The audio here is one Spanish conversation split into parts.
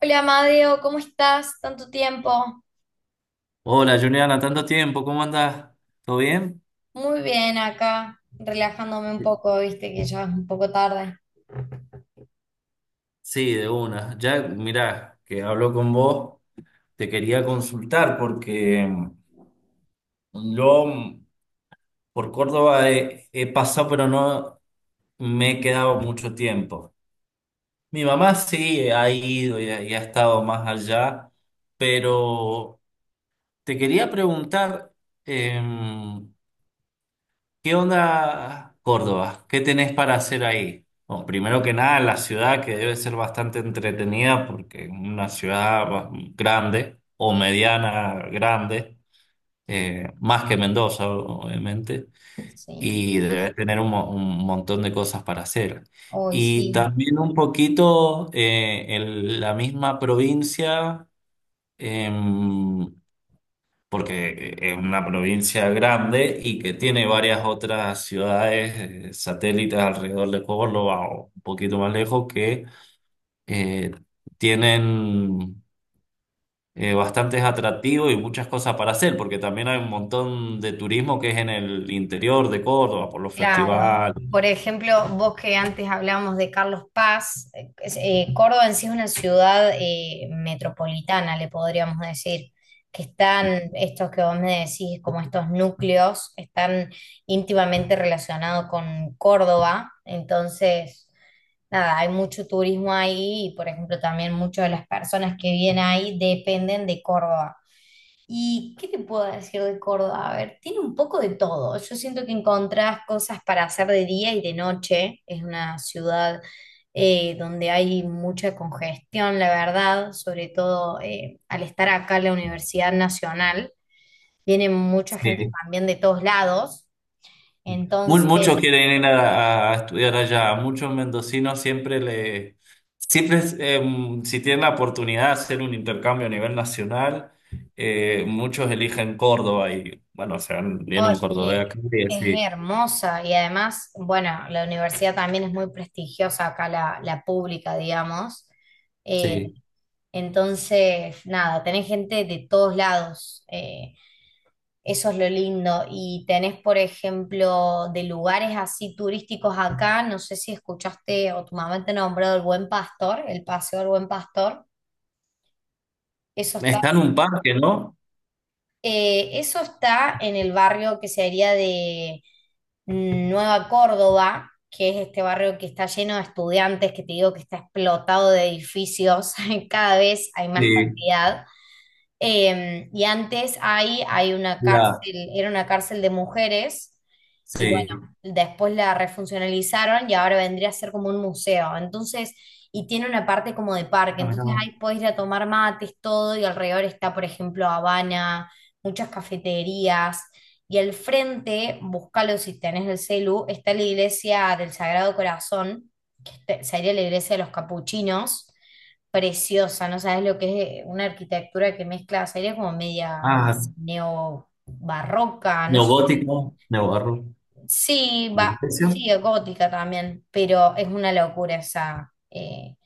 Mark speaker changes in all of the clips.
Speaker 1: Hola Amadeo, ¿cómo estás? Tanto tiempo.
Speaker 2: Hola Juliana, tanto tiempo, ¿cómo andás? ¿Todo bien?
Speaker 1: Muy bien acá, relajándome un poco, viste que ya es un poco tarde.
Speaker 2: Sí, de una. Ya, mirá, que hablo con vos, te quería consultar porque yo por Córdoba he pasado, pero no me he quedado mucho tiempo. Mi mamá sí ha ido y ha estado más allá, pero te quería preguntar, em, ¿qué onda Córdoba? ¿Qué tenés para hacer ahí? Bueno, primero que nada, la ciudad que debe ser bastante entretenida porque es una ciudad grande o mediana grande, más que Mendoza, obviamente,
Speaker 1: Sí,
Speaker 2: y debe tener un montón de cosas para hacer.
Speaker 1: hoy
Speaker 2: Y
Speaker 1: sí.
Speaker 2: también un poquito en la misma provincia. Em, porque Es una provincia grande y que tiene varias otras ciudades satélites alrededor de Córdoba o un poquito más lejos que eh, tienen bastantes atractivos y muchas cosas para hacer, porque también hay un montón de turismo que es en el interior de Córdoba, por los
Speaker 1: Claro.
Speaker 2: festivales.
Speaker 1: Por ejemplo, vos que antes hablábamos de Carlos Paz, Córdoba en sí es una ciudad metropolitana, le podríamos decir, que están, estos que vos me decís, como estos núcleos, están íntimamente relacionados con Córdoba. Entonces, nada, hay mucho turismo ahí y, por ejemplo, también muchas de las personas que vienen ahí dependen de Córdoba. ¿Y qué te puedo decir de Córdoba? A ver, tiene un poco de todo. Yo siento que encontrás cosas para hacer de día y de noche. Es una ciudad donde hay mucha congestión, la verdad, sobre todo al estar acá en la Universidad Nacional. Viene mucha gente
Speaker 2: Sí.
Speaker 1: también de todos lados. Entonces,
Speaker 2: Muchos quieren ir a estudiar allá. A muchos mendocinos siempre, si tienen la oportunidad de hacer un intercambio a nivel nacional, muchos eligen Córdoba y bueno,
Speaker 1: oh,
Speaker 2: viene un
Speaker 1: es
Speaker 2: cordobés
Speaker 1: que
Speaker 2: acá y
Speaker 1: es
Speaker 2: sí,
Speaker 1: hermosa y además, bueno, la universidad también es muy prestigiosa acá, la pública, digamos. Eh,
Speaker 2: sí.
Speaker 1: Entonces, nada, tenés gente de todos lados. Eso es lo lindo. Y tenés, por ejemplo, de lugares así turísticos acá, no sé si escuchaste o tu mamá te nombrado el Buen Pastor, el Paseo del Buen Pastor. Eso está,
Speaker 2: Está en un parque, ¿no?
Speaker 1: Eso está en el barrio que sería de Nueva Córdoba, que es este barrio que está lleno de estudiantes, que te digo que está explotado de edificios, cada vez hay más
Speaker 2: Sí,
Speaker 1: cantidad. Y antes ahí hay una
Speaker 2: la,
Speaker 1: cárcel, era una cárcel de mujeres, y bueno,
Speaker 2: sí.
Speaker 1: después la refuncionalizaron y ahora vendría a ser como un museo. Entonces, y tiene una parte como de parque,
Speaker 2: Ah, mira.
Speaker 1: entonces ahí podés ir a tomar mates, todo, y alrededor está, por ejemplo, Habana, muchas cafeterías, y al frente, búscalo si tenés el celu, está la iglesia del Sagrado Corazón, sería la iglesia de los capuchinos preciosa, no sabes lo que es una arquitectura que mezcla, sería como media
Speaker 2: Ah, sí.
Speaker 1: neobarroca, no sé.
Speaker 2: Neogótico, neobarro.
Speaker 1: Sí,
Speaker 2: Sí.
Speaker 1: va,
Speaker 2: ¿Precio?
Speaker 1: sí, gótica también, pero es una locura esa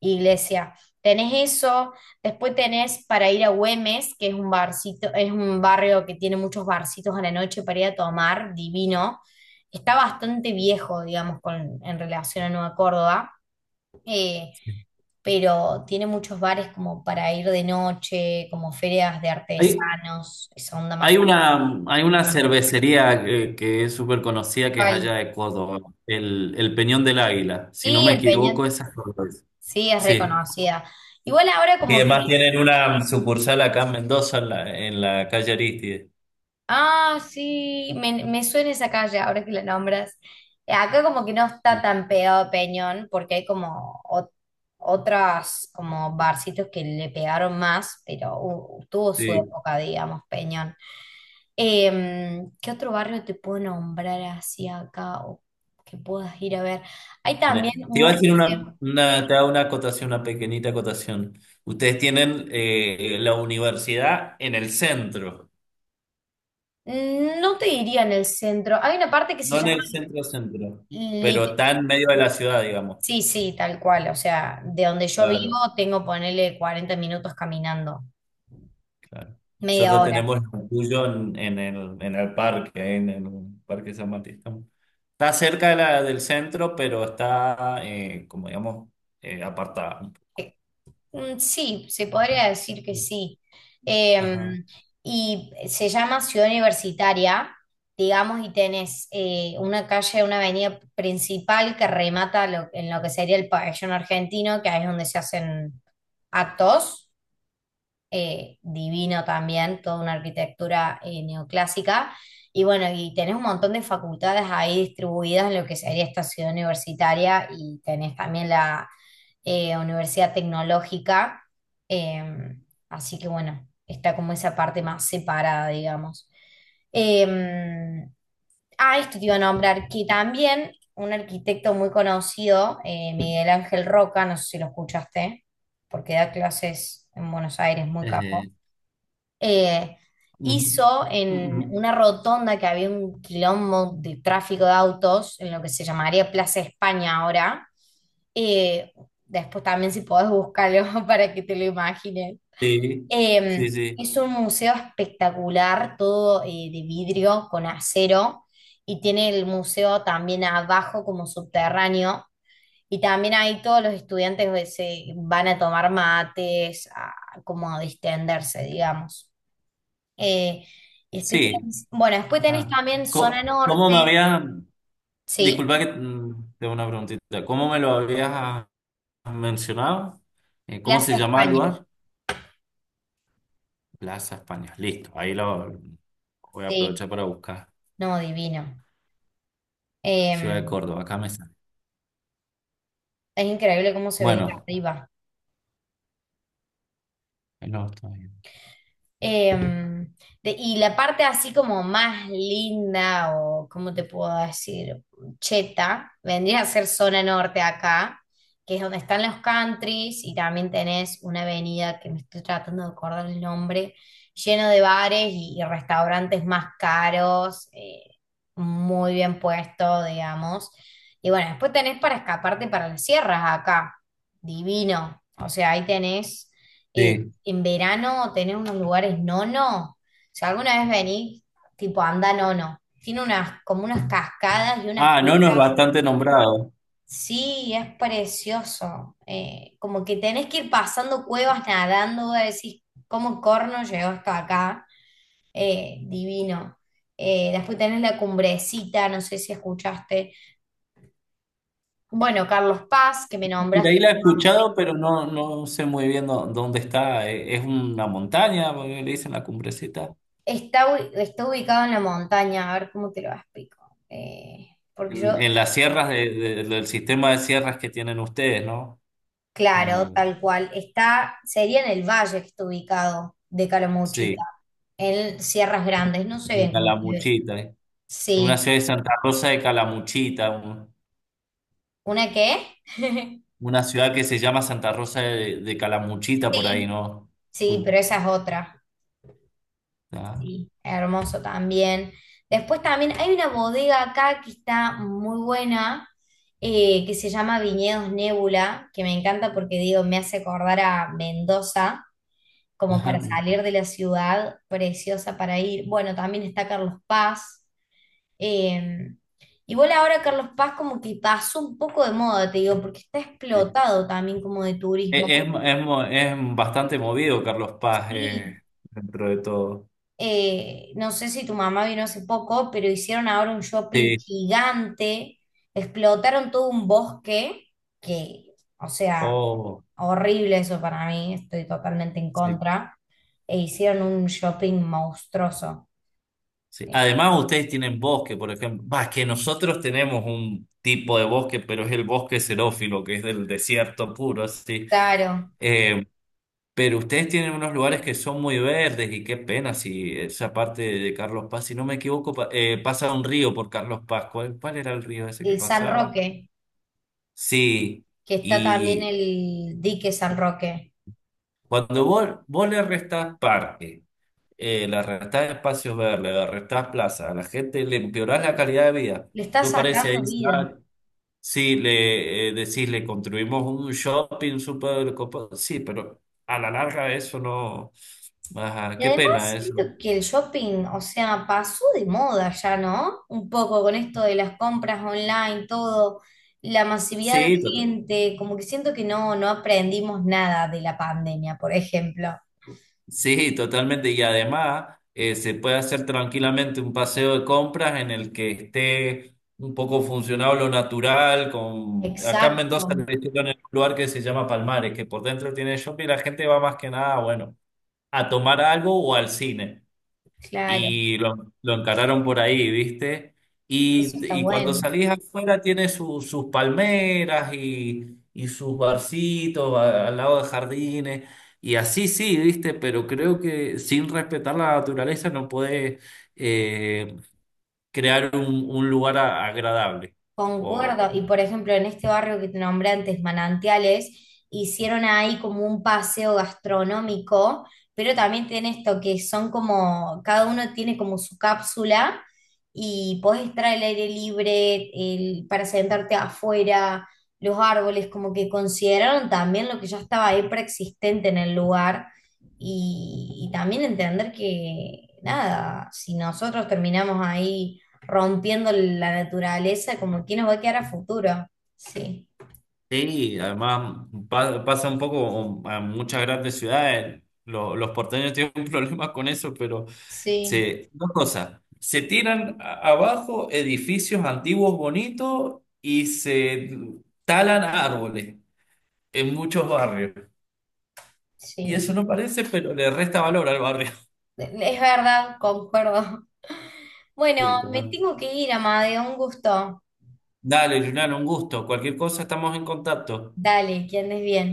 Speaker 1: iglesia. Tenés eso, después tenés para ir a Güemes, que es un barcito, es un barrio que tiene muchos barcitos a la noche para ir a tomar, divino. Está bastante viejo, digamos, con, en relación a Nueva Córdoba. Eh,
Speaker 2: Sí.
Speaker 1: pero tiene muchos bares como para ir de noche, como ferias de
Speaker 2: Hay,
Speaker 1: artesanos, esa onda
Speaker 2: hay
Speaker 1: más tranquila.
Speaker 2: una, hay una cervecería que es súper conocida que es allá de Córdoba, el Peñón del Águila. Si no
Speaker 1: Sí,
Speaker 2: me
Speaker 1: el
Speaker 2: equivoco,
Speaker 1: Peñón,
Speaker 2: esa es cerveza.
Speaker 1: sí, es
Speaker 2: Sí.
Speaker 1: reconocida. Igual ahora
Speaker 2: Y
Speaker 1: como
Speaker 2: además
Speaker 1: que
Speaker 2: tienen una sucursal acá en Mendoza, en la calle Aristide.
Speaker 1: Ah, sí, me suena esa calle ahora que la nombras. Acá como que no está tan pegado a Peñón porque hay como otras como barcitos que le pegaron más, pero tuvo su
Speaker 2: Sí.
Speaker 1: época, digamos, Peñón. ¿Qué otro barrio te puedo nombrar así acá o que puedas ir a ver? Hay también un museo.
Speaker 2: Te hago una acotación, una pequeñita acotación. Ustedes tienen la universidad en el centro,
Speaker 1: No te diría en el centro. Hay una parte que se
Speaker 2: no en
Speaker 1: llama
Speaker 2: el centro centro, pero está en medio de la ciudad, digamos.
Speaker 1: Sí, sí, tal cual. O sea, de donde yo vivo
Speaker 2: Claro.
Speaker 1: tengo ponerle 40 minutos caminando,
Speaker 2: Claro.
Speaker 1: media Claro.
Speaker 2: Nosotros
Speaker 1: hora.
Speaker 2: tenemos el tuyo en el parque, ¿eh? En el Parque San Martín. Está cerca del centro, pero está, como digamos, apartada un poco.
Speaker 1: Eh, Sí, se podría decir que sí. Eh,
Speaker 2: Ajá.
Speaker 1: y se llama Ciudad Universitaria, digamos, y tenés una calle, una avenida principal que remata en lo que sería el pabellón argentino, que ahí es donde se hacen actos. Divino también, toda una arquitectura neoclásica. Y bueno, y tenés un montón de facultades ahí distribuidas en lo que sería esta ciudad universitaria y tenés también la Universidad Tecnológica. eh, Así que bueno, está como esa parte más separada, digamos. Eh, Esto te iba a nombrar, que también un arquitecto muy conocido, Miguel Ángel Roca, no sé si lo escuchaste porque da clases en Buenos Aires, muy capo,
Speaker 2: Eh,
Speaker 1: eh,
Speaker 2: mm,
Speaker 1: hizo en
Speaker 2: mm,
Speaker 1: una rotonda que había un quilombo de tráfico de autos, en lo que se llamaría Plaza España ahora. eh, Después también si podés buscarlo para que te lo imagines.
Speaker 2: Sí, sí, sí.
Speaker 1: Es un museo espectacular, todo de vidrio con acero, y tiene el museo también abajo como subterráneo, y también ahí todos los estudiantes se van a tomar mates, a, como a distenderse, digamos. Eh, y
Speaker 2: Sí.
Speaker 1: bueno, después tenés
Speaker 2: Ah.
Speaker 1: también zona
Speaker 2: Co- ¿Cómo,
Speaker 1: norte,
Speaker 2: me habías,
Speaker 1: ¿sí?
Speaker 2: disculpa que, tengo una preguntita, ¿cómo me lo habías mencionado? ¿Cómo se
Speaker 1: Plaza
Speaker 2: llama el
Speaker 1: España,
Speaker 2: lugar? Plaza España. Listo, ahí lo voy a
Speaker 1: sí,
Speaker 2: aprovechar para buscar.
Speaker 1: no, divino.
Speaker 2: Ciudad
Speaker 1: Eh,
Speaker 2: de Córdoba, acá me sale.
Speaker 1: es increíble cómo se ve de
Speaker 2: Bueno,
Speaker 1: arriba.
Speaker 2: no, está bien.
Speaker 1: Em, y la parte así como más linda o, ¿cómo te puedo decir? Cheta, vendría a ser zona norte acá, que es donde están los countries y también tenés una avenida que me estoy tratando de acordar el nombre, lleno de bares y restaurantes más caros, muy bien puesto, digamos. Y bueno, después tenés para escaparte para las sierras acá, divino. O sea, ahí tenés... eh,
Speaker 2: Sí.
Speaker 1: en verano tener unos lugares nono. O sea alguna vez venís, tipo anda nono. Tiene unas, como unas cascadas y unas
Speaker 2: Ah, no, no es
Speaker 1: piedras.
Speaker 2: bastante nombrado.
Speaker 1: Sí, es precioso. Como que tenés que ir pasando cuevas nadando, vos decís, ¿cómo corno llegó hasta acá? Divino. Después tenés la cumbrecita, no sé si escuchaste. Bueno, Carlos Paz, que me
Speaker 2: Por
Speaker 1: nombras
Speaker 2: ahí
Speaker 1: que
Speaker 2: la
Speaker 1: tu
Speaker 2: he
Speaker 1: mamá-
Speaker 2: escuchado, pero no, no sé muy bien dónde está. Es una montaña, porque le dicen la cumbrecita.
Speaker 1: Está, está ubicado en la montaña, a ver cómo te lo explico. Eh, Porque yo
Speaker 2: En las sierras del sistema de sierras que tienen ustedes, ¿no? En
Speaker 1: Claro,
Speaker 2: el-
Speaker 1: tal cual. Está, sería en el valle que está ubicado de Calamuchita,
Speaker 2: sí,
Speaker 1: en Sierras Grandes, no sé
Speaker 2: en
Speaker 1: bien cómo se ve.
Speaker 2: Calamuchita. Eh. En una
Speaker 1: Sí.
Speaker 2: ciudad de Santa Rosa de Calamuchita,
Speaker 1: ¿Una qué?
Speaker 2: una ciudad que se llama Santa Rosa de Calamuchita por ahí,
Speaker 1: Sí,
Speaker 2: ¿no?
Speaker 1: sí, pero
Speaker 2: Uy,
Speaker 1: esa es otra.
Speaker 2: ah,
Speaker 1: Sí, hermoso también. Después también hay una bodega acá que está muy buena, que se llama Viñedos Nébula, que me encanta porque digo, me hace acordar a Mendoza. Como para salir de la ciudad, preciosa para ir. Bueno, también está Carlos Paz. eh, Igual ahora Carlos Paz como que pasó un poco de moda, te digo, porque está
Speaker 2: sí.
Speaker 1: explotado también como de turismo.
Speaker 2: Es es bastante movido Carlos Paz,
Speaker 1: Sí,
Speaker 2: dentro de todo.
Speaker 1: no sé si tu mamá vino hace poco, pero hicieron ahora un shopping
Speaker 2: Sí,
Speaker 1: gigante, explotaron todo un bosque, que, o sea,
Speaker 2: oh,
Speaker 1: horrible eso para mí, estoy totalmente en
Speaker 2: sí,
Speaker 1: contra, e hicieron un shopping monstruoso.
Speaker 2: sí.
Speaker 1: Eh,
Speaker 2: Además, ustedes tienen bosque, por ejemplo. Va, es que nosotros tenemos un tipo de bosque, pero es el bosque xerófilo, que es del desierto puro, así.
Speaker 1: Claro,
Speaker 2: Eh, pero ustedes tienen unos lugares que son muy verdes y qué pena si esa parte de Carlos Paz, si no me equivoco, pasa un río por Carlos Paz. ¿Cuál, cuál era el río ese que
Speaker 1: el San
Speaker 2: pasaba?
Speaker 1: Roque,
Speaker 2: Sí.
Speaker 1: que está también el dique San Roque,
Speaker 2: Cuando vos le restás parque, le restás espacios verdes, le restás plaza, a la gente le empeorás la calidad de vida.
Speaker 1: le está
Speaker 2: Tú parece ahí,
Speaker 1: sacando vida.
Speaker 2: ah, sí, le, decís, le construimos un shopping súper copado. Sí, pero a la larga eso no. Ajá,
Speaker 1: Y
Speaker 2: qué
Speaker 1: además
Speaker 2: pena
Speaker 1: siento
Speaker 2: eso.
Speaker 1: que el shopping, o sea, pasó de moda ya, ¿no? Un poco con esto de las compras online, todo, la masividad de
Speaker 2: Sí,
Speaker 1: gente, como que siento que no, no aprendimos nada de la pandemia, por ejemplo.
Speaker 2: Sí, totalmente. Y además se puede hacer tranquilamente un paseo de compras en el que esté un poco funcionado lo natural. Con... Acá en
Speaker 1: Exacto,
Speaker 2: Mendoza le hicieron en un lugar que se llama Palmares, que por dentro tiene shopping y la gente va más que nada, bueno, a tomar algo o al cine
Speaker 1: claro,
Speaker 2: y lo encararon por ahí, ¿viste?
Speaker 1: eso está
Speaker 2: Y cuando
Speaker 1: bueno.
Speaker 2: salís afuera tiene sus palmeras y sus barcitos al lado de jardines. Y así sí, ¿viste? Pero creo que sin respetar la naturaleza no podés, eh, crear un lugar agradable.
Speaker 1: Concuerdo,
Speaker 2: O,
Speaker 1: y por ejemplo, en este barrio que te nombré antes, Manantiales, hicieron ahí como un paseo gastronómico, pero también tiene esto que son como, cada uno tiene como su cápsula y podés estar al aire libre, para sentarte afuera, los árboles, como que consideraron también lo que ya estaba ahí preexistente en el lugar y también entender que, nada, si nosotros terminamos ahí rompiendo la naturaleza, como que nos va a quedar a futuro. Sí,
Speaker 2: sí, además pasa un poco a muchas grandes ciudades. Los porteños tienen problemas con eso, pero
Speaker 1: sí,
Speaker 2: se, dos cosas. Se tiran abajo edificios antiguos bonitos y se talan árboles en muchos barrios. Y
Speaker 1: sí.
Speaker 2: eso no parece, pero le resta valor al barrio.
Speaker 1: Es verdad, concuerdo. Bueno,
Speaker 2: Sí,
Speaker 1: me
Speaker 2: total.
Speaker 1: tengo que ir, Amadeo, un gusto.
Speaker 2: Dale, Julián, un gusto. Cualquier cosa estamos en contacto.
Speaker 1: Dale, que andes bien.